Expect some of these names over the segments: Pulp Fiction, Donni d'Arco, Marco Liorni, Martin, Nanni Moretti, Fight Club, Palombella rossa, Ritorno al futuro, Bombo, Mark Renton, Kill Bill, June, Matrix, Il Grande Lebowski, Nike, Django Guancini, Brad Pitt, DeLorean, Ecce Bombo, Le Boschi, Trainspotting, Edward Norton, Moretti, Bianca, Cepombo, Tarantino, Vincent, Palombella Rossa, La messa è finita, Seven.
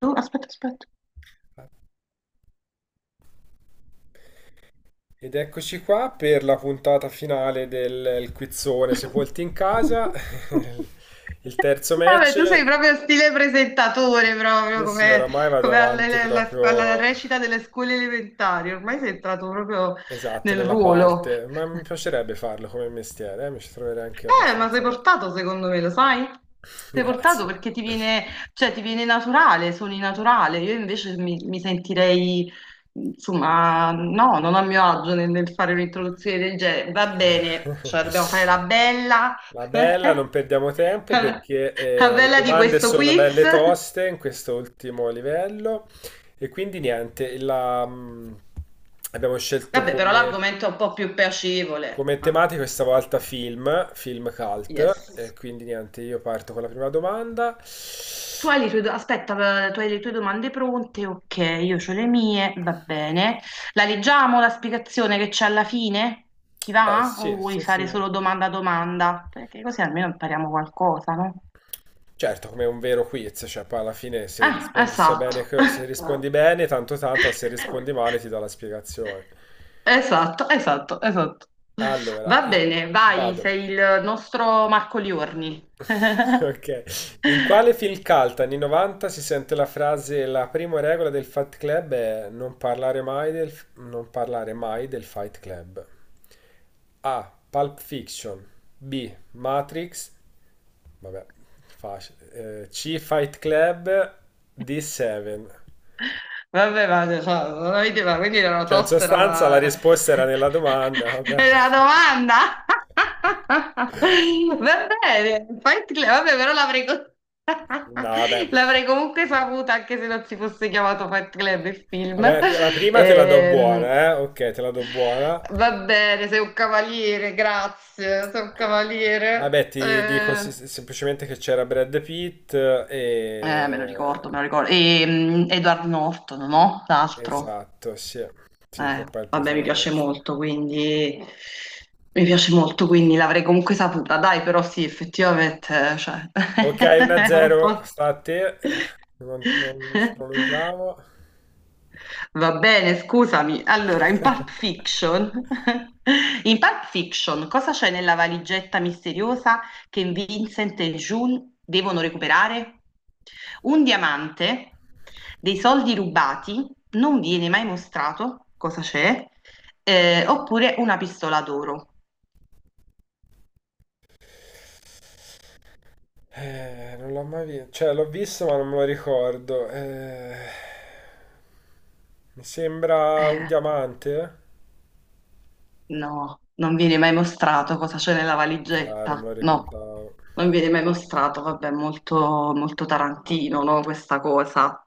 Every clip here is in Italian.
Tu, aspetta, aspetta. Ed eccoci qua per la puntata finale del il quizzone Sepolti in casa, il terzo Vabbè, match. tu sei proprio stile presentatore, proprio Sì, sì, come, oramai vado come avanti alla, alla proprio recita delle scuole elementari. Ormai sei entrato proprio esatto nel nella ruolo. parte, ma mi piacerebbe farlo come mestiere, mi ci troverei anche Ma sei abbastanza bene. portato secondo me, lo sai? Sei portato Grazie. perché ti viene, cioè, ti viene naturale, suoni naturale. Io invece mi sentirei, insomma, no, non a mio agio nel fare un'introduzione del genere. Va bene, cioè dobbiamo fare la bella, La bella, non perdiamo tempo la perché la le bella di domande questo sono quiz. belle toste in questo ultimo livello e quindi niente, abbiamo scelto Vabbè, però come, l'argomento è un po' più piacevole. come Ah, tematica questa volta film yes. cult e quindi niente, io parto con la prima domanda. Tu hai le tue, aspetta, tu hai le tue domande pronte? Ok, io ho le mie, va bene. La leggiamo la spiegazione che c'è alla fine? Ti Beh, va? sì, O vuoi sì, fare sì. solo domanda a domanda? Perché così almeno impariamo qualcosa, no? Certo, come un vero quiz, cioè poi alla fine se Ah, rispondi esatto. Se rispondi bene, tanto tanto, se rispondi male ti do la spiegazione. Esatto, esatto, esatto. Allora, Va bene, vai, vado. sei il nostro Marco Liorni. Ok. In quale film cult anni 90 si sente la frase la prima regola del Fight Club è non parlare mai del Fight Club? A. Pulp Fiction. B. Matrix. Vabbè, facile. C. Fight Club. D. Seven. Vabbè, ma cioè, non avete- ma quindi era una Cioè, in tosta, era sostanza la una... risposta era nella domanda, vabbè. era una domanda? Va bene, vabbè, però No, vabbè. l'avrei comunque saputa anche se non si fosse chiamato Fight Club il film. Vabbè, la prima te la do Ehm, buona, eh? Ok, te la do buona. Va bene, sei un cavaliere, grazie, sei un Vabbè, cavaliere. ti dico semplicemente che c'era Brad Pitt Me lo e... ricordo, me lo ricordo. E, Edward Norton, no? L'altro. Esatto, sì. Sì, che è poi il Vabbè, mi piace protagonista. molto, quindi mi piace molto, quindi l'avrei comunque saputa. Dai, però sì, effettivamente, cioè, Ok, è un 1-0, po'. sta a te. Non ci prolunghiamo. Va bene, scusami. Allora, in Pulp Fiction, in Pulp Fiction, cosa c'è nella valigetta misteriosa che Vincent e June devono recuperare? Un diamante, dei soldi rubati, non viene mai mostrato cosa c'è, oppure una pistola d'oro. Non l'ho mai visto. Cioè, l'ho visto, ma non me lo ricordo. Mi sembra un Eh, diamante. No, non viene mai mostrato cosa c'è nella Ah, non me lo valigetta. No, ricordavo. non viene mai mostrato. Vabbè, molto Tarantino, no, questa cosa.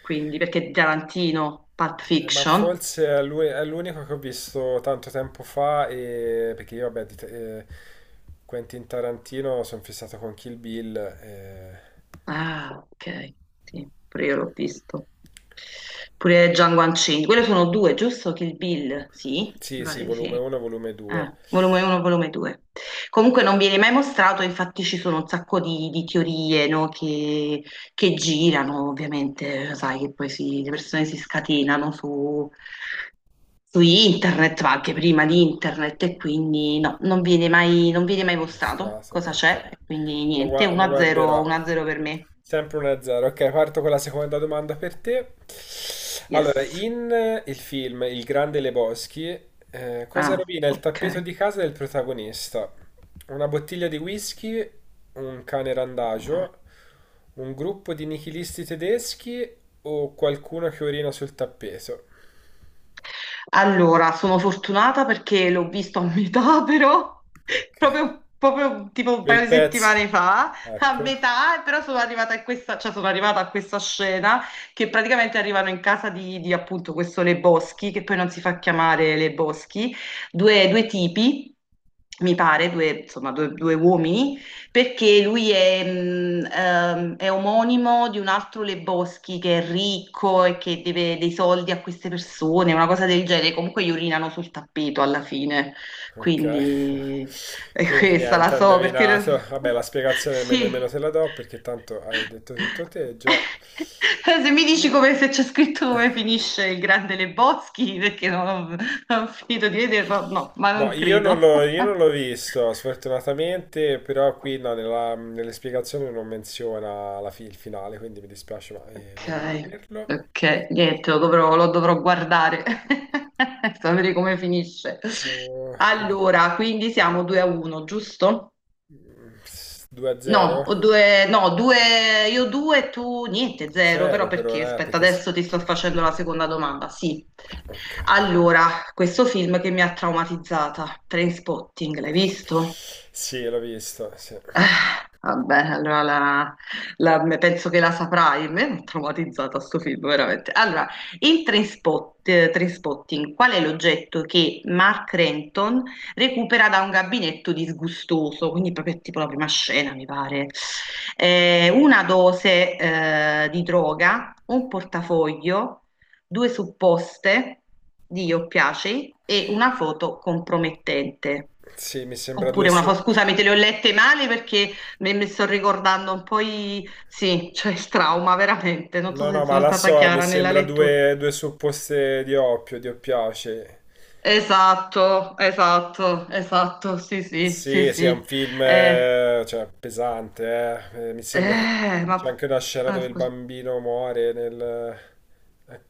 Quindi, perché Tarantino, Pulp Ma Fiction. forse è è l'unico che ho visto tanto tempo fa, e... perché io, vabbè, Quentin Tarantino sono fissato con Kill Bill. Ah, ok, sì, pure io l'ho visto. Pure Django Guancini. Quelle sono due, giusto? Kill Bill, sì, Sì, mi sì, pare di sì. volume 1, volume 2. Volume 1, volume 2. Comunque non viene mai mostrato, infatti ci sono un sacco di teorie, no, che girano, ovviamente, sai che poi le persone si scatenano su, su internet, ma anche prima di internet, e quindi no, non viene mai mostrato Mostrato, cosa ok. c'è, e quindi niente, Lo 1-0, guarderò. 1-0 per me. Sempre 1-0. Ok, parto con la seconda domanda per te. Allora, Yes. in il film Il Grande Lebowski, cosa Ah, rovina il ok. tappeto di casa del protagonista? Una bottiglia di whisky, un cane Ah. randagio, un gruppo di nichilisti tedeschi o qualcuno che orina sul tappeto? Allora, sono fortunata perché l'ho visto a metà, però, Ok. proprio, proprio tipo un paio Quel di pezzo. settimane fa, a Ecco. metà, però sono arrivata a questa, cioè sono arrivata a questa scena che praticamente arrivano in casa di appunto questo Le Boschi, che poi non si fa chiamare Le Boschi, due tipi, mi pare, due, insomma, due uomini perché lui è omonimo di un altro Le Boschi che è ricco e che deve dei soldi a queste persone, una cosa del genere. Comunque gli urinano sul tappeto alla fine, Ok, quindi è quindi questa niente, la ha so perché indovinato. Vabbè, la spiegazione nemmeno sì. se la do perché tanto hai detto tutto te già. Se mi dici come se c'è scritto come finisce il grande Le Boschi, perché no, non ho finito di vederlo, no, ma No, non io non credo. l'ho io non l'ho visto, sfortunatamente, però qui no, nelle spiegazioni non menziona il finale, quindi mi dispiace, ma devi Ok, vederlo. ok, niente, lo dovrò guardare, sapere come finisce. Oh, vedi. Allora, quindi siamo 2 a 1, giusto? Mm, 2 a No, 0? Due, io due, tu niente, zero, però 0 per perché? ora, Aspetta, perché... adesso ti sto facendo la seconda domanda. Sì, Ok. allora, questo film che mi ha traumatizzata, Trainspotting, l'hai visto? Sì, l'ho visto, sì. Eh, Vabbè, penso che la saprai. A me mi ha traumatizzata sto film, veramente. Allora, Trainspotting, qual è l'oggetto che Mark Renton recupera da un gabinetto disgustoso? Quindi proprio tipo la prima scena, mi pare. Una dose, di droga, un portafoglio, due supposte di io piaci e una foto compromettente. Sì, mi sembra due Oppure una su... foto, scusami, te le ho lette male perché mi sto ricordando un po' i... Sì, cioè il trauma, veramente. Non No, so no, se ma sono la stata so, mi chiara nella sembra lettura. due supposte di oppio, di oppiace. Esatto, esatto, esatto, sì, sì, sì, Sì, sì, è un sì. film, Eh, cioè, pesante, eh. Mi sembra che eh, che c'è ma... anche una scena ah, dove il scusa. bambino muore nel... eh,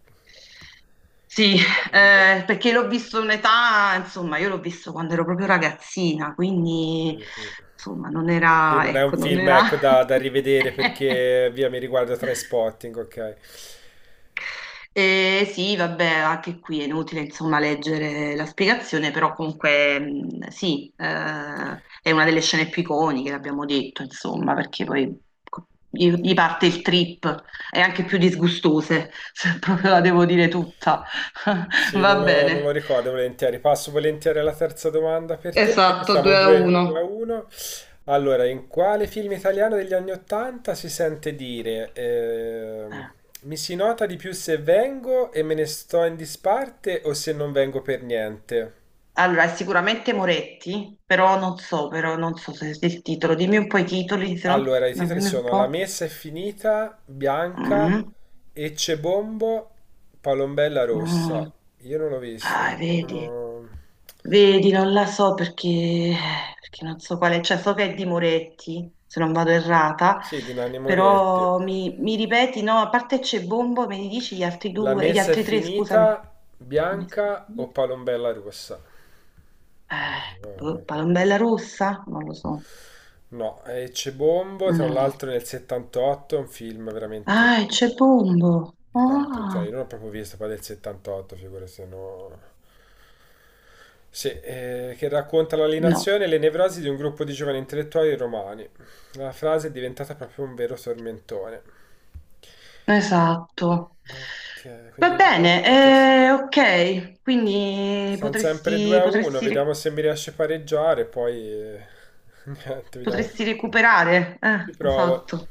Sì, nella- nel- perché l'ho visto un'età, insomma, io l'ho visto quando ero proprio ragazzina, quindi Mm, mm. insomma non Sì, era, non è un ecco, non film, era... ecco, da rivedere perché, via, mi riguarda Trainspotting, ok. Sì, vabbè, anche qui è inutile insomma leggere la spiegazione, però comunque sì, è una delle scene più iconiche, l'abbiamo detto, insomma, perché poi gli parte il trip, è anche più disgustose, se proprio la devo dire tutta. Sì, Va non lo bene, ricordo volentieri. Passo volentieri alla terza domanda per te. Quindi esatto, siamo 2 a 2 a 1. 1. Allora, in quale film italiano degli anni 80 si sente dire Eh. mi si nota di più se vengo e me ne sto in disparte o se non vengo per niente? Allora, è sicuramente Moretti, però non so se il titolo. Dimmi un po' i titoli, se no, Allora, i no, titoli dimmi un sono La po'. messa è finita, Bianca, Mm, Ecce Bombo, Palombella mm. Rossa. Io non l'ho visto. Ah, vedi, Sono... vedi, non la so perché, perché non so quale, cioè so che è di Moretti, se non vado errata, Sì, di Nanni Moretti. però mi ripeti, no, a parte c'è Bombo, me ne dici gli altri La due, gli messa è altri tre, scusami. finita, Come bianca o si- palombella russa? Ma boh, io- Palombella Rossa? Non lo so. No, è Cebombo, tra Mm. l'altro nel 78, è un film veramente Ah, è Cepombo. di tanto, cioè io Ah, non l'ho proprio visto poi del 78, figura se no... Sì, che racconta no, l'alienazione e le nevrosi di un gruppo di giovani intellettuali romani. La frase è diventata proprio un vero tormentone. esatto. Ok, quindi Va ho bene, sbagliato. Sì. Ok, quindi Siamo sempre 2 a 1, vediamo se mi riesce a pareggiare, poi niente, vediamo. potresti recuperare. Ci provo. Esatto.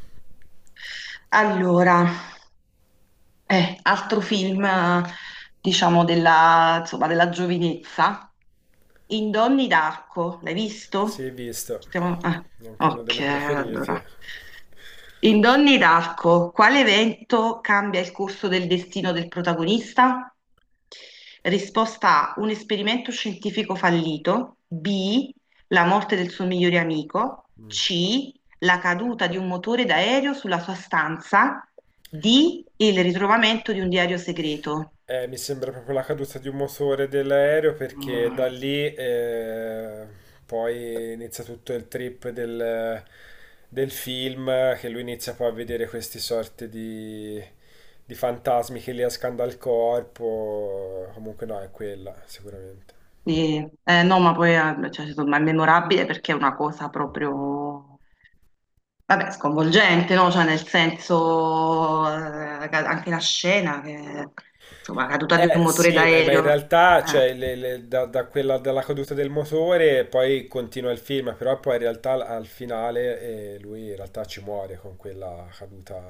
Allora, altro film, diciamo, della, insomma, della giovinezza. In Donni d'Arco, l'hai visto? Sì, visto, Ah, è anche uno dei ok, miei preferiti. allora. In Donni d'Arco, quale evento cambia il corso del destino del protagonista? Risposta A, un esperimento scientifico fallito, B, la morte del suo migliore amico, Mm. C, la caduta di un motore d'aereo sulla sua stanza, D, il ritrovamento di un diario segreto. Mi sembra proprio la caduta di un motore dell'aereo perché Mm. da lì poi inizia tutto il trip del film che lui inizia poi a vedere questi sorti di fantasmi che gli escano dal corpo. Comunque no, è quella, sicuramente. Sì, no, ma poi cioè, insomma, è memorabile perché è una cosa proprio, vabbè, sconvolgente, no? Cioè, nel senso, anche la scena, che, insomma, la caduta di un Eh motore sì, beh, ma in d'aereo. realtà Eh. cioè, da quella, dalla caduta del motore poi continua il film, però poi in realtà al finale, lui in realtà ci muore con quella caduta.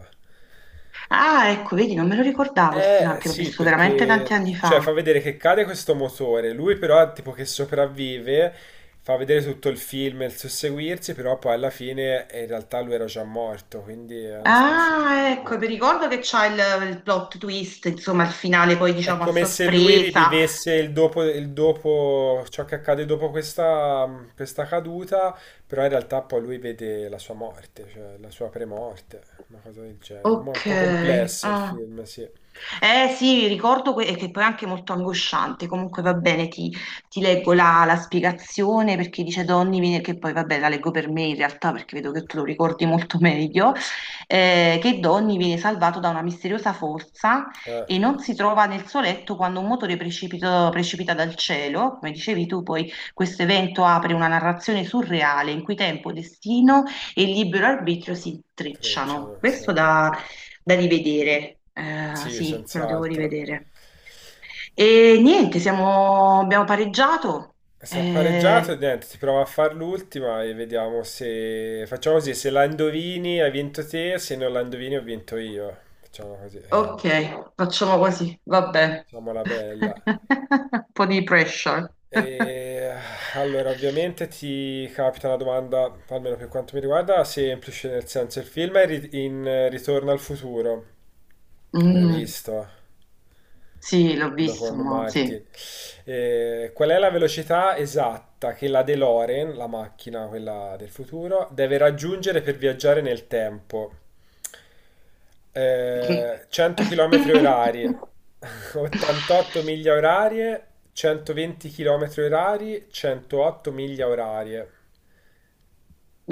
Ah, ecco, vedi, non me lo ricordavo il finale, Eh che l'ho sì, visto veramente tanti perché anni cioè, fa fa. vedere che cade questo motore, lui però tipo che sopravvive, fa vedere tutto il film e il susseguirsi, però poi alla fine, in realtà lui era già morto, quindi è una specie Ah, di... ecco, mi ricordo che c'ha il plot twist, insomma, il finale poi, È diciamo, a come se lui sorpresa. rivivesse il dopo, ciò che accade dopo questa caduta, però in realtà poi lui vede la sua morte, cioè la sua premorte, una cosa del genere. Mo' è Ok, un po' complesso il ah. film, sì. Eh sì, ricordo che poi è anche molto angosciante, comunque va bene, ti leggo la spiegazione perché dice Donny, che poi vabbè la leggo per me in realtà perché vedo che tu lo ricordi molto meglio, che Donny viene salvato da una misteriosa forza Eh, e non si trova nel suo letto quando un motore precipita dal cielo, come dicevi tu, poi questo evento apre una narrazione surreale in cui tempo, destino e libero arbitrio si intrecciano. Frecciano, sì. Questo da rivedere. Sì, Sì, me lo devo senz'altro. rivedere. E niente, abbiamo pareggiato. Se ha pareggiato, Eh, niente, ti prova a far l'ultima e vediamo se... Facciamo così, se la indovini hai vinto te, se non la indovini ho vinto io. Facciamo così, eh. ok, facciamo così, vabbè. Facciamola bella. Un po' di pressure. E, allora, ovviamente ti capita una domanda, almeno per quanto mi riguarda, semplice, nel senso il film è ri- in Ritorno al futuro, avrai Mm, visto, sì, l'ho quello visto, con ma sì. Martin. E qual è la velocità esatta che la DeLorean, la macchina, quella del futuro, deve raggiungere per viaggiare nel tempo? 100 km orari, 88 miglia orarie, 120 km orari, 108 miglia orarie.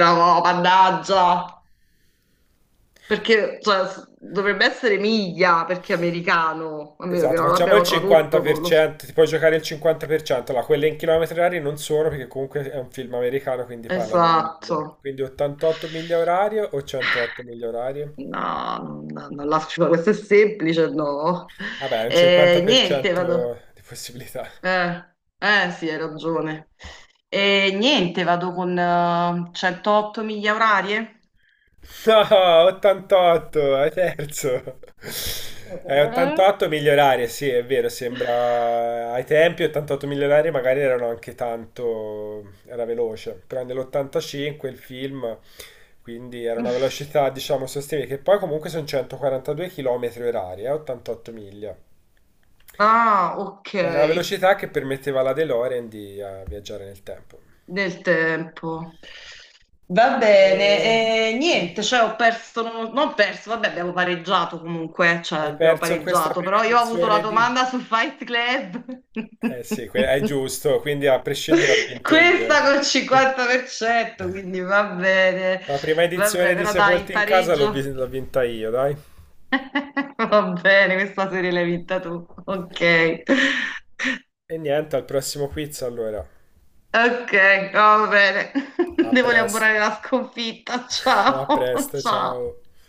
No, no, mannaggia. Perché cioè, dovrebbe essere miglia perché è americano, a meno che Esatto, non facciamo il l'abbiano tradotto, non lo so. 50%, ti puoi giocare il 50%, allora quelle in chilometri orari non sono perché comunque è un film americano quindi parlano in miglia. Esatto. Quindi 88 miglia orarie o 108 miglia orarie? No, no, non la faccio, questo è semplice, no. Vabbè, è un Niente, 50% vado. di possibilità. Sì, hai ragione. Niente, vado con 108 miglia orarie. No, 88, è terzo. Eh? 88 migliorare, sì, è vero, sembra... Ai tempi 88 migliorare magari erano anche tanto... era veloce, però nell'85 il film, quindi era una velocità, diciamo, sostenibile, che poi comunque sono 142 km orari, 88 miglia. Ah, ok, Era una velocità che permetteva alla DeLorean di viaggiare nel tempo. del tempo. Va Eh, bene, niente, cioè ho perso, non ho perso, vabbè abbiamo pareggiato comunque, cioè Hai abbiamo perso questa pareggiato, prima però io ho avuto la edizione di... domanda sul Fight Club. Eh sì, è giusto, quindi a prescindere ho vinto io. Questa col 50%, quindi va bene, La prima vabbè, edizione di però dai, il Sepolti in casa pareggio. L'ho vinta io, dai. Va bene, questa serie l'hai vinta tu. Ok, E niente, al prossimo quiz allora. ok, va bene. A Devo presto, elaborare la sconfitta. a Ciao, presto, ciao. ciao.